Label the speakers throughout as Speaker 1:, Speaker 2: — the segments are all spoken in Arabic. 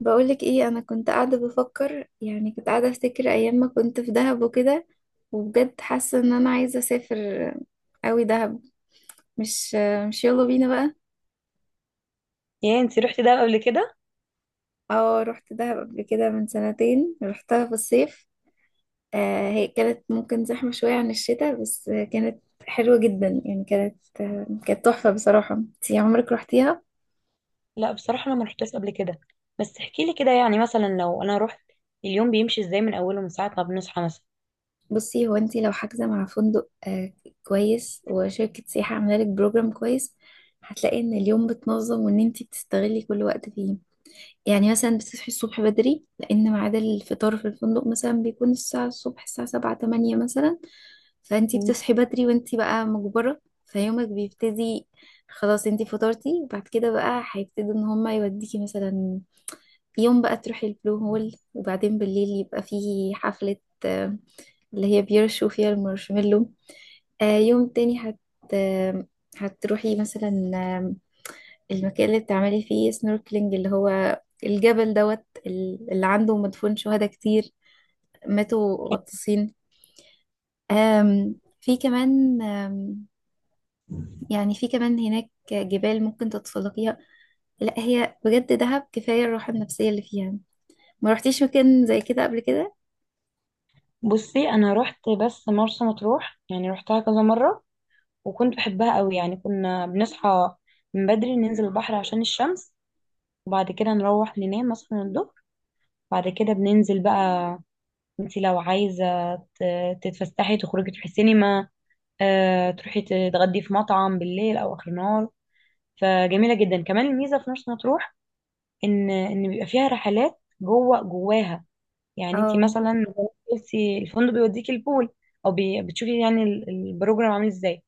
Speaker 1: بقولك ايه، انا كنت قاعده بفكر، يعني كنت قاعده افتكر ايام ما كنت في دهب وكده. وبجد حاسه ان انا عايزه اسافر قوي دهب. مش مش يلا بينا بقى.
Speaker 2: يا انت رحتي دهب قبل كده؟
Speaker 1: اه، رحت دهب قبل كده من سنتين، رحتها في الصيف. آه، هي كانت ممكن زحمه شويه عن الشتاء، بس كانت حلوه جدا، يعني كانت تحفه بصراحه. انتي عمرك رحتيها؟
Speaker 2: لا، بصراحه انا ما رحتش قبل كده. بس احكي لي كده، يعني مثلا لو انا رحت، اليوم بيمشي ازاي من اوله، من ساعه ما بنصحى مثلا؟
Speaker 1: بصي، هو انت لو حاجزه مع فندق كويس وشركه سياحه عامله لك بروجرام كويس، هتلاقي ان اليوم بتنظم وان انت بتستغلي كل وقت فيه. يعني مثلا بتصحي الصبح بدري، لان ميعاد الفطار في الفندق مثلا بيكون الساعه الصبح، الساعه 7 8 مثلا. فانت
Speaker 2: مم.
Speaker 1: بتصحي بدري وانت بقى مجبره، فيومك بيبتدي. خلاص، انت فطرتي بعد كده بقى هيبتدي ان هما يوديكي مثلا يوم بقى تروحي البلو هول، وبعدين بالليل يبقى فيه حفلة، آه، اللي هي بيرشوا فيها المارشميلو. يوم تاني آه، هتروحي مثلا المكان اللي بتعملي فيه سنوركلينج، اللي هو الجبل دوت اللي عنده مدفون شهداء كتير، ماتوا غطاسين. آم، في كمان يعني في كمان هناك جبال ممكن تتسلقيها. لا هي بجد دهب كفاية الراحة النفسية اللي فيها. ما رحتيش مكان زي كده قبل كده؟
Speaker 2: بصي، انا رحت بس مرسى مطروح، يعني رحتها كذا مره وكنت بحبها قوي. يعني كنا بنصحى من بدري ننزل البحر عشان الشمس، وبعد كده نروح ننام مثلا الظهر، بعد كده بننزل بقى. انت لو عايزه تتفسحي تخرجي تروحي سينما، تروحي تتغدي في مطعم بالليل او اخر النهار. فجميله جدا كمان الميزه في مرسى مطروح ان بيبقى فيها رحلات جوه جواها. يعني انت
Speaker 1: اه.
Speaker 2: مثلا قلتي الفندق بيوديكي البول، او بتشوفي يعني البروجرام عامل ازاي.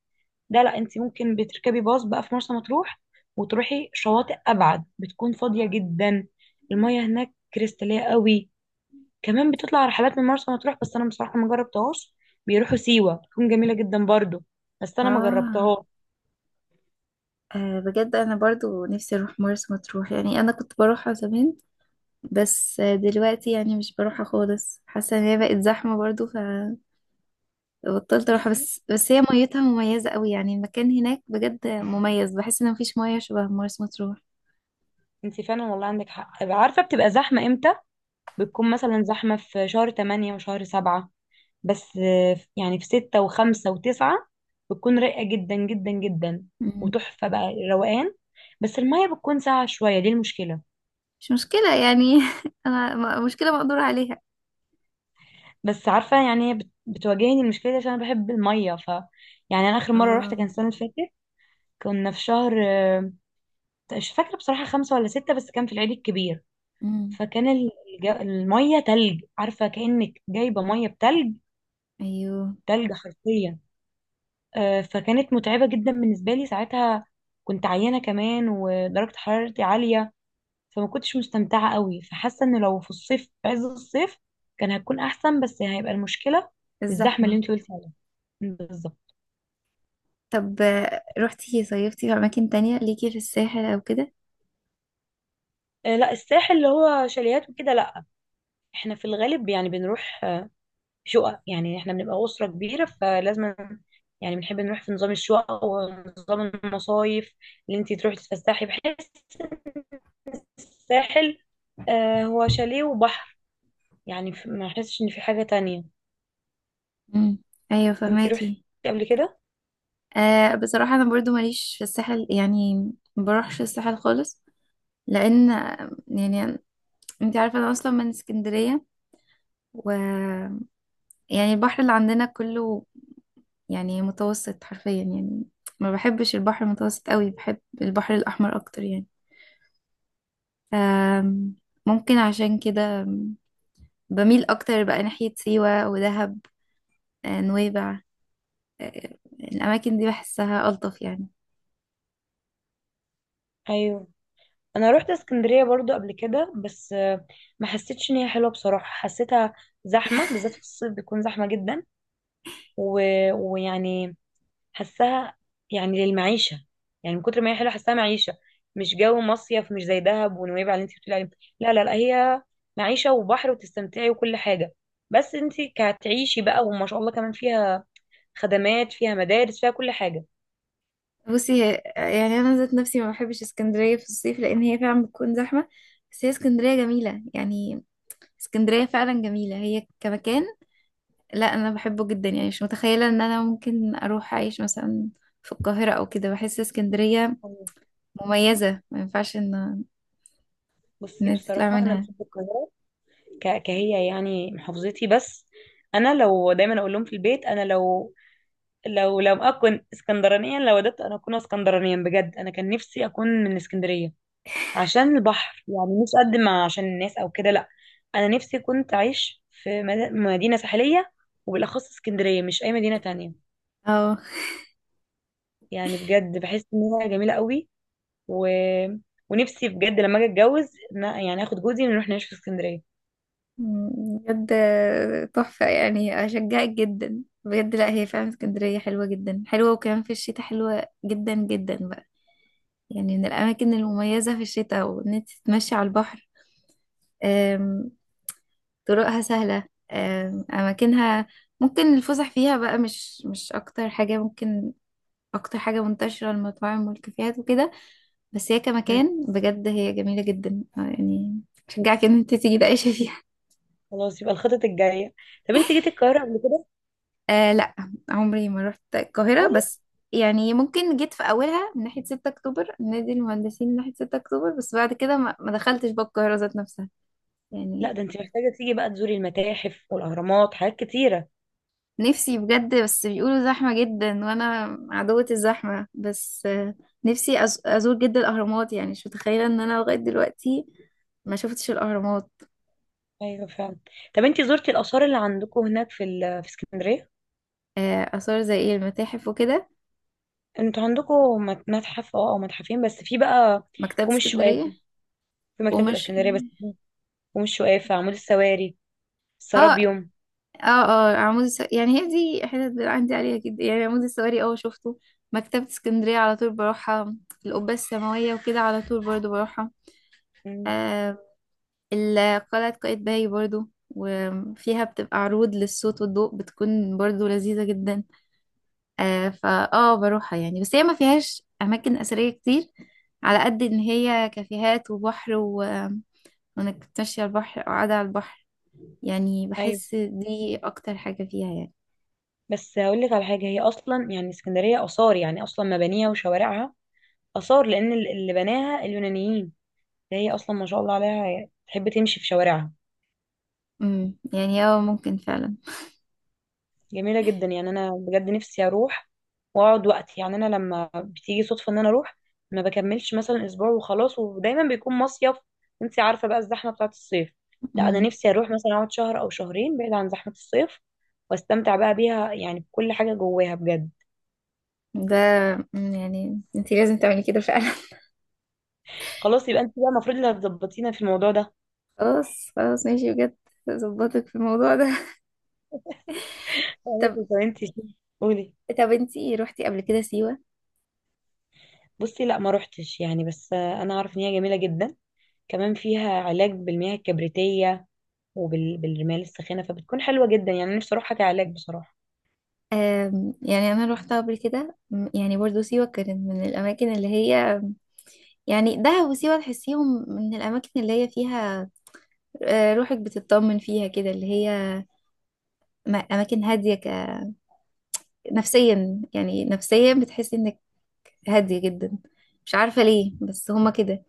Speaker 2: ده لا، انت ممكن بتركبي باص بقى في مرسى مطروح وتروحي شواطئ ابعد بتكون فاضيه جدا. المياه هناك كريستاليه قوي. كمان بتطلع رحلات من مرسى مطروح بس انا بصراحه ما جربتهاش. بيروحوا سيوه، بتكون جميله جدا برضو، بس انا ما
Speaker 1: آه.
Speaker 2: جربتهاش.
Speaker 1: آه، بجد أنا برضو نفسي أروح مرسى مطروح، يعني أنا كنت بروحها زمان، بس دلوقتي يعني مش بروحها خالص، حاسة إن هي بقت زحمة برضو، فبطلت أروحها.
Speaker 2: بصي،
Speaker 1: بس هي ميتها مميزة قوي، يعني المكان هناك بجد مميز. بحس إن مفيش مية شبه مرسى مطروح.
Speaker 2: انت فعلا والله عندك حق. عارفه بتبقى زحمه امتى؟ بتكون مثلا زحمة في شهر تمانية وشهر سبعة، بس يعني في ستة وخمسة وتسعة بتكون رايقة جدا جدا جدا،
Speaker 1: مم.
Speaker 2: وتحفة بقى، روقان. بس المية بتكون ساقعة شوية، دي المشكلة.
Speaker 1: مش مشكلة يعني. أنا مشكلة مقدور عليها.
Speaker 2: بس عارفة، يعني هي بتواجهني المشكلة دي عشان أنا بحب المية. ف يعني أنا آخر مرة روحت كان
Speaker 1: آه.
Speaker 2: السنة اللي فاتت. كنا في شهر، مش فاكرة بصراحة، خمسة ولا ستة، بس كان في العيد الكبير.
Speaker 1: مم.
Speaker 2: فكان المية تلج، عارفة كأنك جايبة مية بتلج.
Speaker 1: أيوه.
Speaker 2: تلج حرفيا. فكانت متعبة جدا بالنسبة لي ساعتها، كنت عيانة كمان ودرجة حرارتي عالية، فما كنتش مستمتعة قوي. فحاسة ان لو في الصيف، في عز الصيف، كان هتكون احسن، بس هيبقى المشكلة الزحمة اللي
Speaker 1: الزحمة.
Speaker 2: انت قلتي عليها بالظبط.
Speaker 1: طب روحتي صيفتي في أماكن تانية ليكي في الساحل أو كده؟
Speaker 2: لا الساحل اللي هو شاليهات وكده لا. احنا في الغالب يعني بنروح شقق، يعني احنا بنبقى أسرة كبيرة، فلازم يعني بنحب نروح في نظام الشقق ونظام المصايف، اللي انت تروحي تتفسحي. بحس الساحل، هو شاليه وبحر، يعني ما احسش ان في حاجة تانية.
Speaker 1: مم. أيوه،
Speaker 2: انتي روحتي
Speaker 1: فهماكي.
Speaker 2: قبل كده؟
Speaker 1: آه، بصراحة أنا برضو ماليش في الساحل يعني، ما بروحش الساحل خالص. لأن يعني أنت عارفة أنا أصلا من اسكندرية، و يعني البحر اللي عندنا كله يعني متوسط حرفيا، يعني ما بحبش البحر المتوسط قوي، بحب البحر الأحمر أكتر يعني. آم، ممكن عشان كده بميل أكتر بقى ناحية سيوة ودهب، نويبع، الأماكن دي بحسها ألطف يعني.
Speaker 2: ايوه، انا روحت اسكندرية برضو قبل كده، بس ما حسيتش ان هي حلوة بصراحة، حسيتها زحمة، بالذات في الصيف بيكون زحمة جدا، و... ويعني حسها يعني للمعيشة، يعني من كتر ما هي حلوة حسها معيشة، مش جو مصيف، مش زي دهب ونويبع اللي انتي بتقولي عليه. لا لا لا، هي معيشة وبحر وتستمتعي وكل حاجة، بس انتي كتعيشي بقى. وما شاء الله كمان فيها خدمات، فيها مدارس، فيها كل حاجة.
Speaker 1: بصي يعني انا ذات نفسي ما بحبش اسكندريه في الصيف لان هي فعلا بتكون زحمه، بس هي اسكندريه جميله يعني، اسكندريه فعلا جميله هي كمكان. لا انا بحبه جدا يعني، مش متخيله ان انا ممكن اروح اعيش مثلا في القاهره او كده. بحس اسكندريه مميزه، ما ينفعش ان
Speaker 2: بصي
Speaker 1: انت تطلع
Speaker 2: بصراحة أنا
Speaker 1: منها.
Speaker 2: بحب القاهرة كهي يعني، محافظتي. بس أنا لو، دايما أقول لهم في البيت، أنا لو أكون اسكندرانيا، لو ودت أنا أكون اسكندرانيا بجد، أنا كان نفسي أكون من اسكندرية عشان البحر، يعني مش قد ما عشان الناس أو كده، لأ. أنا نفسي كنت أعيش في مدينة ساحلية، وبالأخص اسكندرية، مش أي مدينة تانية.
Speaker 1: اه.
Speaker 2: يعني بجد بحس إنها جميلة قوي. و... ونفسي بجد لما أجي أتجوز، يعني آخد جوزي ونروح نعيش في اسكندرية.
Speaker 1: بجد تحفه، يعني اشجعك جدا بجد. لا هي فعلا اسكندريه حلوه جدا حلوه، وكمان في الشتاء حلوه جدا جدا. يعني من الأماكن المميزة في الشتاء وإن أنت تتمشي على البحر. أم، طرقها سهلة، أماكنها ممكن الفسح فيها بقى، مش أكتر حاجة ممكن. أكتر حاجة منتشرة المطاعم والكافيهات وكده. بس هي كمكان بجد هي جميلة جدا يعني شجعك إن أنت تيجي تعيشي فيها.
Speaker 2: خلاص يبقى الخطط الجايه. طب انت جيتي القاهره قبل كده؟
Speaker 1: آه، لا. عمري ما رحت القاهرة،
Speaker 2: خالص؟
Speaker 1: بس يعني ممكن جيت في أولها من ناحية 6 أكتوبر، نادي المهندسين، من ناحية 6 أكتوبر، بس بعد كده ما دخلتش بقى القاهرة ذات نفسها
Speaker 2: لا،
Speaker 1: يعني.
Speaker 2: ده انت محتاجه تيجي بقى تزوري المتاحف والاهرامات، حاجات كتيره.
Speaker 1: نفسي بجد، بس بيقولوا زحمة جدا وانا عدوة الزحمة، بس نفسي ازور جدا الاهرامات. يعني مش متخيلة ان انا لغاية دلوقتي ما شفتش الاهرامات.
Speaker 2: ايوه فعلا. طب انت زرتي الاثار اللي عندكم هناك في في اسكندريه؟
Speaker 1: اثار زي ايه؟ المتاحف وكده.
Speaker 2: انتوا عندكم متحف اه، او متحفين بس، في بقى
Speaker 1: مكتبة
Speaker 2: كوم
Speaker 1: اسكندرية.
Speaker 2: الشقافه، في مكتبه
Speaker 1: قمش.
Speaker 2: الاسكندريه بس، كوم الشقافه، عمود السواري،
Speaker 1: اه، اه،
Speaker 2: السرابيوم.
Speaker 1: اه، عمود يعني هي دي حتت اللي عندي عليها جدا، يعني عمود السواري، اه شفته. مكتبة اسكندرية على طول بروحها. القبة السماوية وكده على طول برضو بروحها.
Speaker 2: مم.
Speaker 1: آم، قلعة قايتباي برضو، وفيها بتبقى عروض للصوت والضوء بتكون برضو لذيذة جدا. فا بروحها يعني، بس هي ما فيهاش أماكن أثرية كتير، على قد إن هي كافيهات وبحر، و... وإنك تمشي على البحر أو قاعدة على البحر. يعني
Speaker 2: ايوه،
Speaker 1: بحس دي أكتر حاجة فيها يعني.
Speaker 2: بس هقول لك على حاجه. هي اصلا يعني اسكندريه اثار، يعني اصلا مبانيها وشوارعها اثار لان اللي بناها اليونانيين. ده هي اصلا ما شاء الله عليها، تحب تمشي في شوارعها.
Speaker 1: يعني ممكن فعلا.
Speaker 2: جميلة جدا. يعني أنا بجد نفسي أروح وأقعد وقت. يعني أنا لما بتيجي صدفة إن أنا أروح ما بكملش مثلا أسبوع وخلاص، ودايما بيكون مصيف، أنت عارفة بقى الزحمة بتاعة الصيف. لا، أنا
Speaker 1: امم
Speaker 2: نفسي أروح مثلا أقعد شهر أو شهرين، بعيد عن زحمة الصيف، واستمتع بقى بيها يعني بكل حاجة جواها بجد.
Speaker 1: ده مم، يعني انتي لازم تعملي كده فعلا.
Speaker 2: خلاص يبقى أنت بقى المفروض اللي هتظبطينا في الموضوع ده.
Speaker 1: خلاص خلاص ماشي بجد، ظبطك في الموضوع ده. طب،
Speaker 2: طب أنت قولي.
Speaker 1: طب انتي روحتي قبل كده سيوة؟
Speaker 2: بصي لا، ما روحتش يعني، بس أنا عارف إن هي جميلة جدا. كمان فيها علاج بالمياه الكبريتية وبالرمال الساخنة، فبتكون حلوة جدا. يعني نفسي اروح علاج بصراحة.
Speaker 1: يعني أنا روحتها قبل كده، يعني برضو سيوة كانت من الأماكن اللي هي، يعني دهب وسيوة تحسيهم من الأماكن اللي هي فيها روحك بتطمن فيها كده، اللي هي أماكن هادية نفسيا، يعني نفسيا بتحسي إنك هادية جدا. مش عارفة ليه بس هما كده.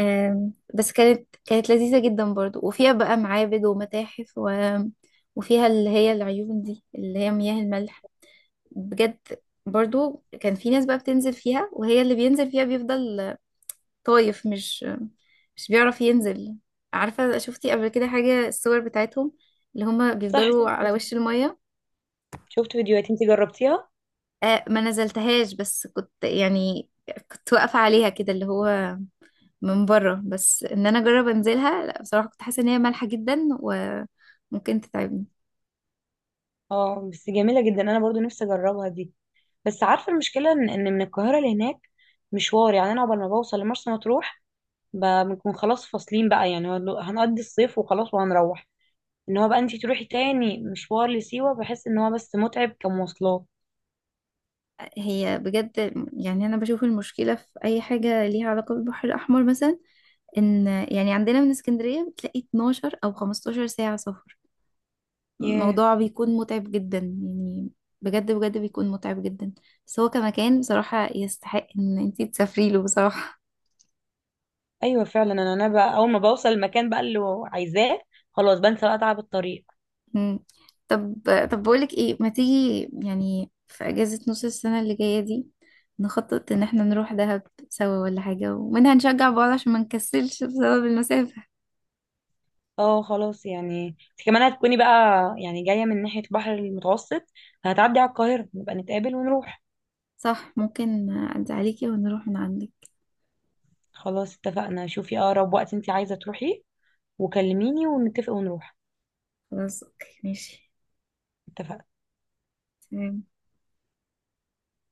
Speaker 1: بس كانت لذيذة جدا برضو، وفيها بقى معابد ومتاحف، و... وفيها اللي هي العيون دي اللي هي مياه الملح. بجد برضو كان في ناس بقى بتنزل فيها، وهي اللي بينزل فيها بيفضل طايف، مش بيعرف ينزل. عارفة، شفتي قبل كده حاجة الصور بتاعتهم اللي هما
Speaker 2: صح،
Speaker 1: بيفضلوا
Speaker 2: شفت.
Speaker 1: على وش المية؟
Speaker 2: شفت فيديوهات. انت جربتيها؟
Speaker 1: آه، ما نزلتهاش، بس كنت يعني كنت واقفة عليها كده، اللي هو من بره. بس ان انا اجرب انزلها، لا بصراحة كنت حاسة ان هي مالحة جدا وممكن تتعبني.
Speaker 2: اه بس جميلة جدا، انا برضو نفسي اجربها دي. بس عارفة المشكلة إن من القاهرة لهناك مشوار، يعني انا عقبال ما بوصل لمرسى مطروح بنكون خلاص فاصلين بقى. يعني هنقضي الصيف وخلاص وهنروح. ان هو بقى انت تروحي تاني مشوار لسيوة، بحس ان هو بس متعب كمواصلات.
Speaker 1: هي بجد، يعني أنا بشوف المشكلة في أي حاجة ليها علاقة بالبحر الأحمر مثلا، إن يعني عندنا من اسكندرية بتلاقي 12 أو 15 ساعة سفر.
Speaker 2: ياه.
Speaker 1: الموضوع بيكون متعب جدا يعني، بجد بجد بيكون متعب جدا. بس هو كمكان بصراحة يستحق إن انتي تسافري له بصراحة.
Speaker 2: ايوه فعلا. انا بقى اول ما بوصل المكان بقى اللي عايزاه، خلاص بنسى بقى تعب الطريق.
Speaker 1: مم. طب، طب بقولك ايه، ما تيجي يعني في أجازة نص السنة اللي جاية دي نخطط إن احنا نروح دهب سوا ولا حاجة، ومنها نشجع بعض عشان ما نكسلش بسبب المسافة.
Speaker 2: اه خلاص، يعني انت كمان هتكوني بقى يعني جاية من ناحية البحر المتوسط، هتعدي على القاهرة، نبقى نتقابل ونروح.
Speaker 1: صح، ممكن أعدي عليكي ونروح من عندك.
Speaker 2: خلاص اتفقنا. شوفي اقرب وقت انت عايزة تروحي وكلميني ونتفق ونروح.
Speaker 1: خلاص أوكي ماشي.
Speaker 2: اتفقنا.
Speaker 1: تمام.